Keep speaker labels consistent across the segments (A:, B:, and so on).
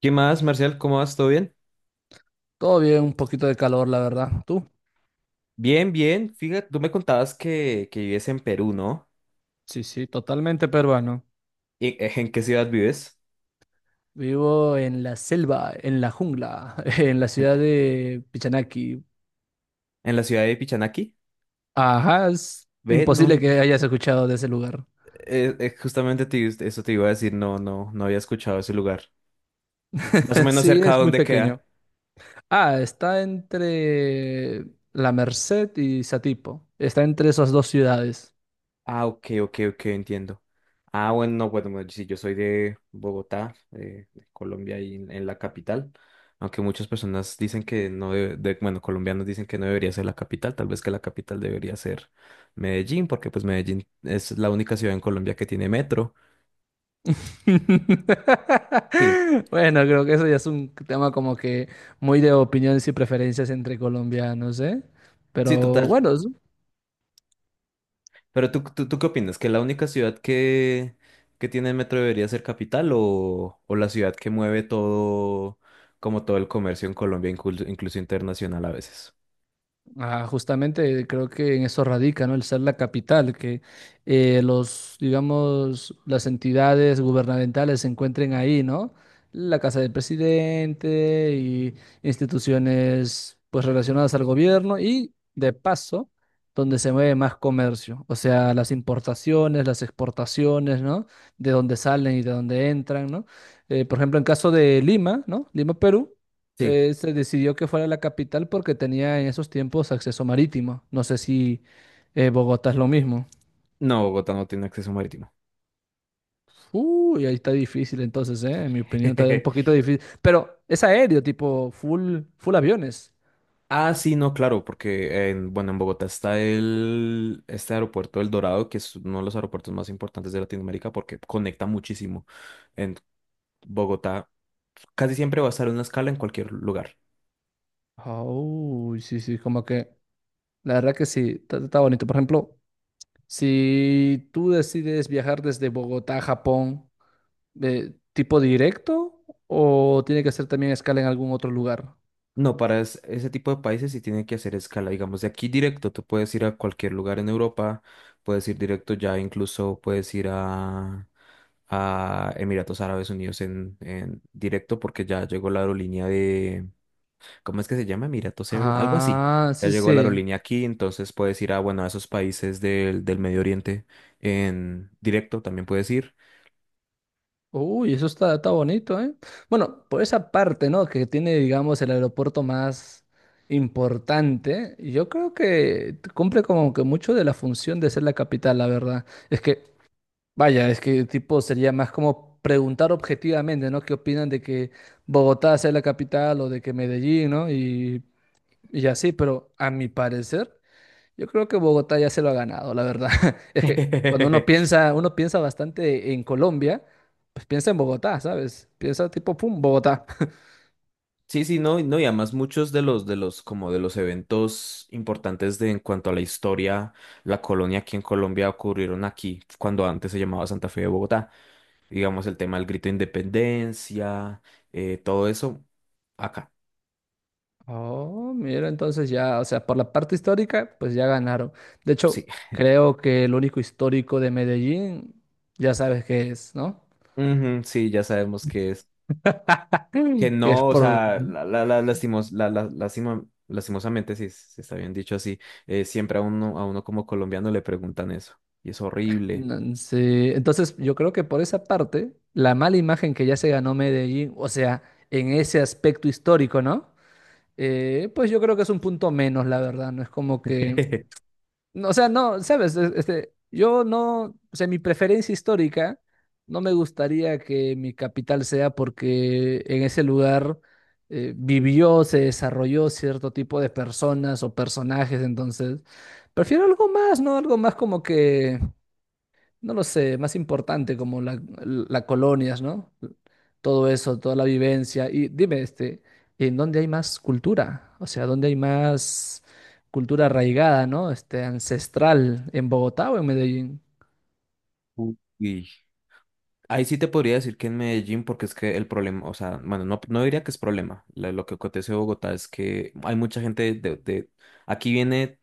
A: ¿Qué más, Marcial? ¿Cómo vas? ¿Todo bien?
B: Todo bien, un poquito de calor, la verdad. ¿Tú?
A: Bien, bien. Fíjate, tú me contabas que vives en Perú, ¿no?
B: Sí, sí, totalmente peruano.
A: ¿En qué ciudad vives?
B: Vivo en la selva, en la jungla, en la
A: ¿En
B: ciudad de Pichanaki.
A: en la ciudad de Pichanaki?
B: Ajá, es
A: Ve, no,
B: imposible
A: no.
B: que hayas escuchado de ese lugar.
A: Justamente eso te iba a decir, no, no, no había escuchado ese lugar. Más o menos
B: Sí,
A: cerca de
B: es muy
A: dónde
B: pequeño.
A: queda.
B: Ah, está entre La Merced y Satipo. Está entre esas dos ciudades.
A: Ah, ok, ok, ok, entiendo. Ah, bueno, no, bueno, bueno, sí, yo soy de Bogotá, de Colombia y en la capital, aunque muchas personas dicen que no, de, bueno, colombianos dicen que no debería ser la capital, tal vez que la capital debería ser Medellín, porque pues Medellín es la única ciudad en Colombia que tiene metro. Sí.
B: Bueno, creo que eso ya es un tema como que muy de opiniones y preferencias entre colombianos, ¿eh?
A: Sí,
B: Pero
A: total.
B: bueno,
A: Pero ¿tú qué opinas? ¿Que la única ciudad que tiene metro debería ser capital o la ciudad que mueve todo, como todo el comercio en Colombia, incluso internacional a veces?
B: ah, justamente creo que en eso radica, ¿no? El ser la capital, que los, digamos, las entidades gubernamentales se encuentren ahí, ¿no? La casa del presidente y instituciones pues relacionadas al gobierno y de paso donde se mueve más comercio, o sea, las importaciones, las exportaciones, ¿no? De dónde salen y de dónde entran, ¿no? Por ejemplo, en caso de Lima, ¿no? Lima, Perú,
A: Sí,
B: se decidió que fuera la capital porque tenía en esos tiempos acceso marítimo. No sé si Bogotá es lo mismo.
A: no, Bogotá no tiene acceso marítimo.
B: Uy, ahí está difícil entonces, ¿eh? En mi opinión está un poquito difícil. Pero es aéreo, tipo full, full aviones.
A: Ah, sí, no, claro, porque bueno, en Bogotá está este aeropuerto El Dorado, que es uno de los aeropuertos más importantes de Latinoamérica porque conecta muchísimo. En Bogotá casi siempre va a estar una escala en cualquier lugar.
B: Uy, sí, sí, como que la verdad que sí, está, está bonito. Por ejemplo, si tú decides viajar desde Bogotá a Japón, ¿tipo directo o tiene que hacer también escala en algún otro lugar?
A: No, para ese tipo de países sí tienen que hacer escala, digamos, de aquí directo, tú puedes ir a cualquier lugar en Europa, puedes ir directo ya, incluso puedes ir a Emiratos Árabes Unidos en directo porque ya llegó la aerolínea ¿cómo es que se llama? Emiratos Air, algo así,
B: Ah,
A: ya
B: sí,
A: llegó la
B: sí.
A: aerolínea aquí, entonces puedes ir bueno, a esos países del Medio Oriente en directo, también puedes ir.
B: Uy, eso está, está bonito, ¿eh? Bueno, por esa parte, ¿no? Que tiene, digamos, el aeropuerto más importante, yo creo que cumple como que mucho de la función de ser la capital, la verdad. Es que, vaya, es que tipo sería más como preguntar objetivamente, ¿no? ¿Qué opinan de que Bogotá sea la capital o de que Medellín, ¿no? Y así, pero a mi parecer. Yo creo que Bogotá ya se lo ha ganado, la verdad. Es que cuando uno piensa bastante en Colombia, pues piensa en Bogotá, ¿sabes? Piensa tipo, pum, Bogotá.
A: Sí, sí, no, no, y además muchos como de los eventos importantes en cuanto a la historia, la colonia aquí en Colombia ocurrieron aquí, cuando antes se llamaba Santa Fe de Bogotá. Digamos, el tema del grito de independencia, todo eso, acá,
B: Oh, mira, entonces ya, o sea, por la parte histórica, pues ya ganaron. De
A: sí.
B: hecho, creo que el único histórico de Medellín, ya sabes qué es, ¿no?
A: Ujú, sí, ya sabemos que es, que
B: Que es
A: no, o
B: por...
A: sea,
B: Mm,
A: la, lastimos, la- lastima- lastimosamente, si se está bien dicho así, siempre a uno como colombiano le preguntan eso, y es horrible.
B: sí, entonces yo creo que por esa parte, la mala imagen que ya se ganó Medellín, o sea, en ese aspecto histórico, ¿no? Pues yo creo que es un punto menos, la verdad, no es como que, no, o sea, no, sabes, este, yo no, o sea, mi preferencia histórica, no me gustaría que mi capital sea porque en ese lugar vivió, se desarrolló cierto tipo de personas o personajes, entonces, prefiero algo más, ¿no? Algo más como que no lo sé, más importante como la colonias, ¿no? Todo eso, toda la vivencia. Y dime, este, ¿en dónde hay más cultura? O sea, ¿dónde hay más cultura arraigada, ¿no? Este, ancestral, ¿en Bogotá o en Medellín?
A: Uy. Ahí sí te podría decir que en Medellín, porque es que el problema, o sea, bueno, no, no diría que es problema. Lo que acontece en Bogotá es que hay mucha gente. Aquí viene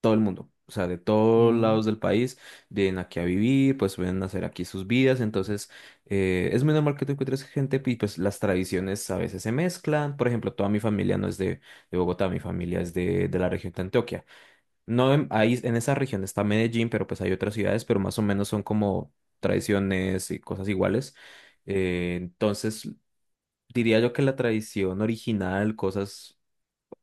A: todo el mundo, o sea, de todos
B: Mm,
A: lados del país, vienen aquí a vivir, pues vienen a hacer aquí sus vidas. Entonces, es muy normal que tú encuentres gente y pues las tradiciones a veces se mezclan. Por ejemplo, toda mi familia no es de Bogotá, mi familia es de la región de Antioquia. No, ahí en esa región está Medellín, pero pues hay otras ciudades, pero más o menos son como tradiciones y cosas iguales. Entonces, diría yo que la tradición original, cosas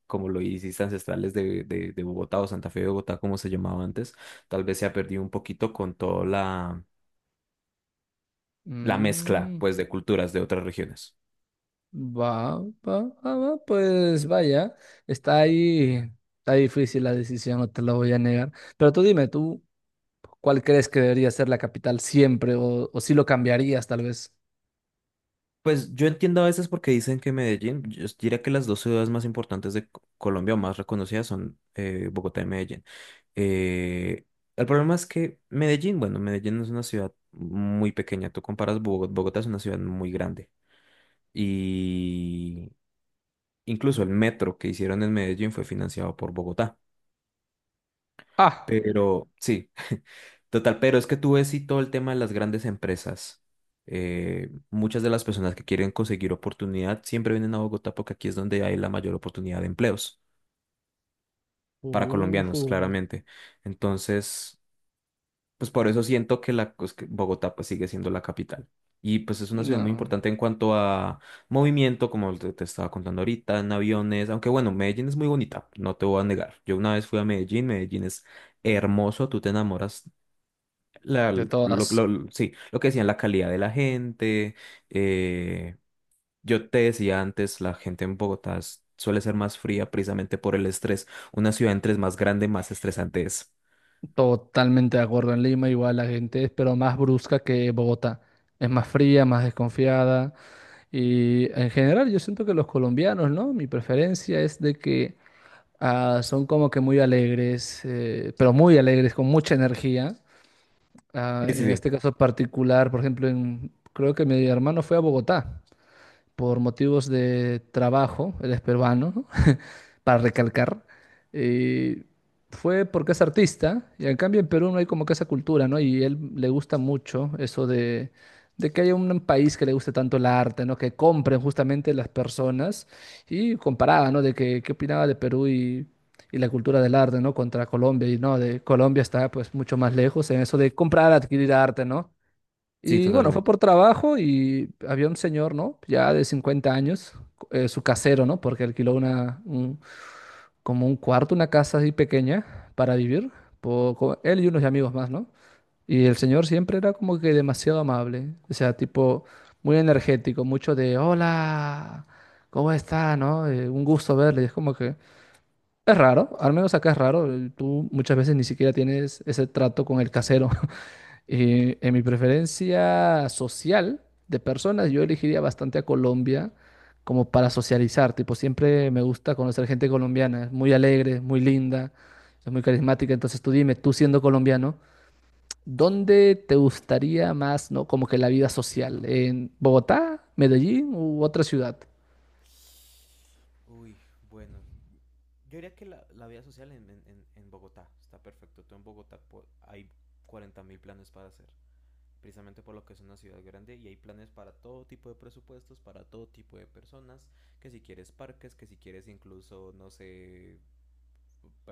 A: como lo hiciste ancestrales de Bogotá o Santa Fe de Bogotá, como se llamaba antes, tal vez se ha perdido un poquito con toda la mezcla,
B: mm,
A: pues, de culturas de otras regiones.
B: va, va, va, va, pues vaya, está ahí, está difícil la decisión, no te lo voy a negar. Pero tú dime, ¿tú cuál crees que debería ser la capital siempre o si lo cambiarías tal vez?
A: Pues yo entiendo a veces porque dicen que Medellín, yo diría que las dos ciudades más importantes de Colombia o más reconocidas son Bogotá y Medellín. Eh, el problema es que Medellín, bueno, Medellín es una ciudad muy pequeña. Tú comparas Bogotá. Bogotá es una ciudad muy grande. Y incluso el metro que hicieron en Medellín fue financiado por Bogotá.
B: Ah.
A: Pero sí, total, pero es que tú ves y todo el tema de las grandes empresas. Muchas de las personas que quieren conseguir oportunidad siempre vienen a Bogotá porque aquí es donde hay la mayor oportunidad de empleos para
B: Uh,
A: colombianos, claramente. Entonces, pues por eso siento que la pues, que Bogotá pues sigue siendo la capital. Y pues es una ciudad muy
B: no,
A: importante en cuanto a movimiento, como te estaba contando ahorita, en aviones, aunque bueno, Medellín es muy bonita, no te voy a negar. Yo una vez fui a Medellín. Medellín es hermoso, tú te enamoras. La,
B: de
A: lo,
B: todas,
A: lo- sí, lo que decían, la calidad de la gente. eh, yo te decía antes, la gente en Bogotá suele ser más fría precisamente por el estrés. Una ciudad entre es más grande, más estresante es.
B: totalmente de acuerdo. En Lima igual la gente es, pero más brusca que Bogotá. Es más fría, más desconfiada. Y en general yo siento que los colombianos, ¿no? Mi preferencia es de que ah, son como que muy alegres, pero muy alegres, con mucha energía. Ah,
A: Sí, sí,
B: en
A: sí.
B: este caso particular, por ejemplo, creo que mi hermano fue a Bogotá por motivos de trabajo, él es peruano, ¿no? Para recalcar, eh, fue porque es artista, y en cambio en Perú no hay como que esa cultura, ¿no? Y él le gusta mucho eso de que haya un país que le guste tanto el arte, ¿no? Que compren justamente las personas, y comparaba, ¿no? De que, qué opinaba de Perú y la cultura del arte, ¿no? Contra Colombia, y no, de Colombia está pues mucho más lejos en eso de comprar, adquirir arte, ¿no?
A: Sí,
B: Y bueno, fue
A: totalmente.
B: por trabajo y había un señor, ¿no? Ya de 50 años, su casero, ¿no? Porque alquiló un, como un cuarto, una casa así pequeña para vivir, él y unos amigos más, ¿no? Y el señor siempre era como que demasiado amable, o sea, tipo muy energético, mucho de hola, ¿cómo está? ¿No? Un gusto verle, y es como que es raro, al menos acá es raro, tú muchas veces ni siquiera tienes ese trato con el casero, en mi preferencia social de personas, yo elegiría bastante a Colombia como para socializar. Tipo, siempre me gusta conocer gente colombiana. Es muy alegre, muy linda, es muy carismática. Entonces tú dime, tú siendo colombiano, ¿dónde te gustaría más, ¿no? Como que la vida social? ¿En Bogotá, Medellín u otra ciudad?
A: Uy, bueno. Yo diría que la vida social en Bogotá está perfecto. Tú en Bogotá hay 40.000 planes para hacer. Precisamente por lo que es una ciudad grande y hay planes para todo tipo de presupuestos, para todo tipo de personas, que si quieres parques, que si quieres incluso, no sé,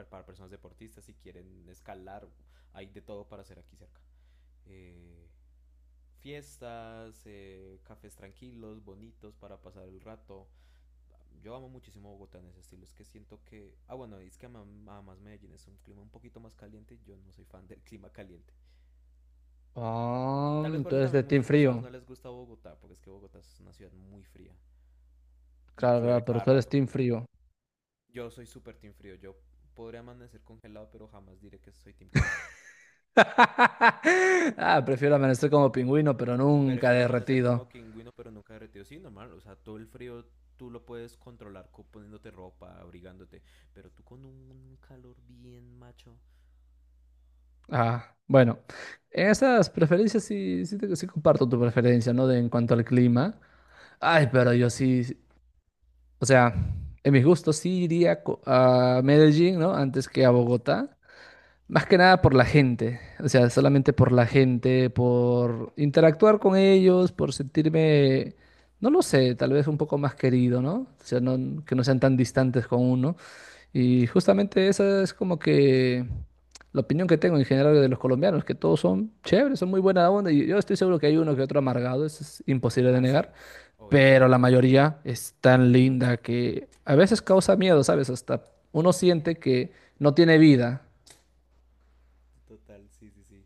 A: para personas deportistas, si quieren escalar, hay de todo para hacer aquí cerca. Eh, fiestas, cafés tranquilos, bonitos para pasar el rato. Yo amo muchísimo Bogotá en ese estilo, es que siento que. Ah, bueno, es que además Medellín es un clima un poquito más caliente, yo no soy fan del clima caliente.
B: Ah,
A: Tal vez por
B: tú
A: eso
B: eres de
A: también
B: Team
A: muchas personas
B: Frío.
A: no les gusta Bogotá, porque es que Bogotá es una ciudad muy fría y
B: Claro,
A: llueve
B: claro, pero
A: cada
B: tú eres
A: rato.
B: Team Frío.
A: Yo soy súper team frío, yo podría amanecer congelado, pero jamás diré que soy team calor.
B: Ah, prefiero amanecer como pingüino, pero nunca
A: Prefiero amanecer como
B: derretido.
A: pingüino, pero nunca derretido. Sí, normal, o sea, todo el frío tú lo puedes controlar poniéndote ropa, abrigándote, pero tú con un calor bien macho.
B: Ah, bueno, en esas preferencias sí, sí comparto tu preferencia, ¿no? De en cuanto al clima. Ay, pero yo sí, sí, o sea, en mis gustos sí iría a Medellín, ¿no? Antes que a Bogotá. Más que nada por la gente, o sea,
A: Sí.
B: solamente por la gente, por interactuar con ellos, por sentirme, no lo sé, tal vez un poco más querido, ¿no? O sea, no, que no sean tan distantes con uno. Y justamente esa es como que la opinión que tengo en general de los colombianos, que todos son chéveres, son muy buena onda, y yo estoy seguro que hay uno que otro amargado, eso es imposible de
A: Ah, sí,
B: negar,
A: pues, obviamente.
B: pero la mayoría es tan linda que a veces causa miedo, ¿sabes? Hasta uno siente que no tiene vida.
A: Total, sí, sí, sí.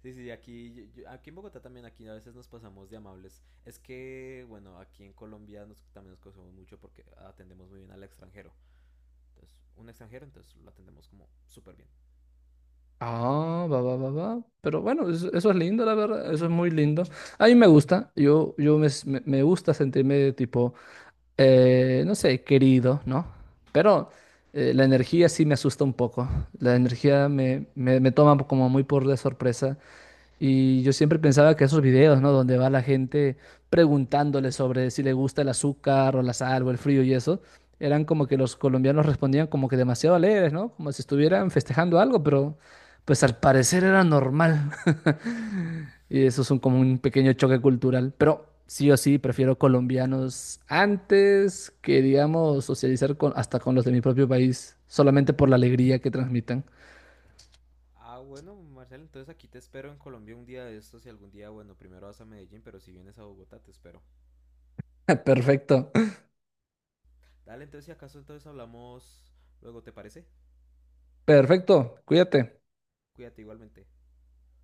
A: Sí, sí, aquí, aquí en Bogotá también, aquí a veces nos pasamos de amables. Es que, bueno, aquí en Colombia también nos conocemos mucho porque atendemos muy bien al extranjero. Entonces, un extranjero, entonces lo atendemos como súper bien.
B: Ah, va, va, va, va. Pero bueno, eso es lindo, la verdad, eso es muy lindo. A mí me gusta, yo, me gusta sentirme tipo no sé, querido, ¿no? Pero la energía sí me asusta un poco. La energía me toma como muy por de sorpresa. Y yo siempre pensaba que esos videos, ¿no? Donde va la gente preguntándole sobre si le gusta el azúcar o la sal o el frío y eso, eran como que los colombianos respondían como que demasiado alegres, ¿no? Como si estuvieran festejando algo, pero pues al parecer era normal. Y eso es un, como un pequeño choque cultural. Pero sí o sí, prefiero colombianos antes que, digamos, socializar con, hasta con los de mi propio país, solamente por la alegría que transmitan.
A: Ah, bueno, Marcel, entonces aquí te espero en Colombia un día de estos y algún día, bueno, primero vas a Medellín, pero si vienes a Bogotá te espero.
B: Perfecto,
A: Dale, entonces si acaso entonces hablamos luego, ¿te parece?
B: perfecto, cuídate.
A: Cuídate igualmente.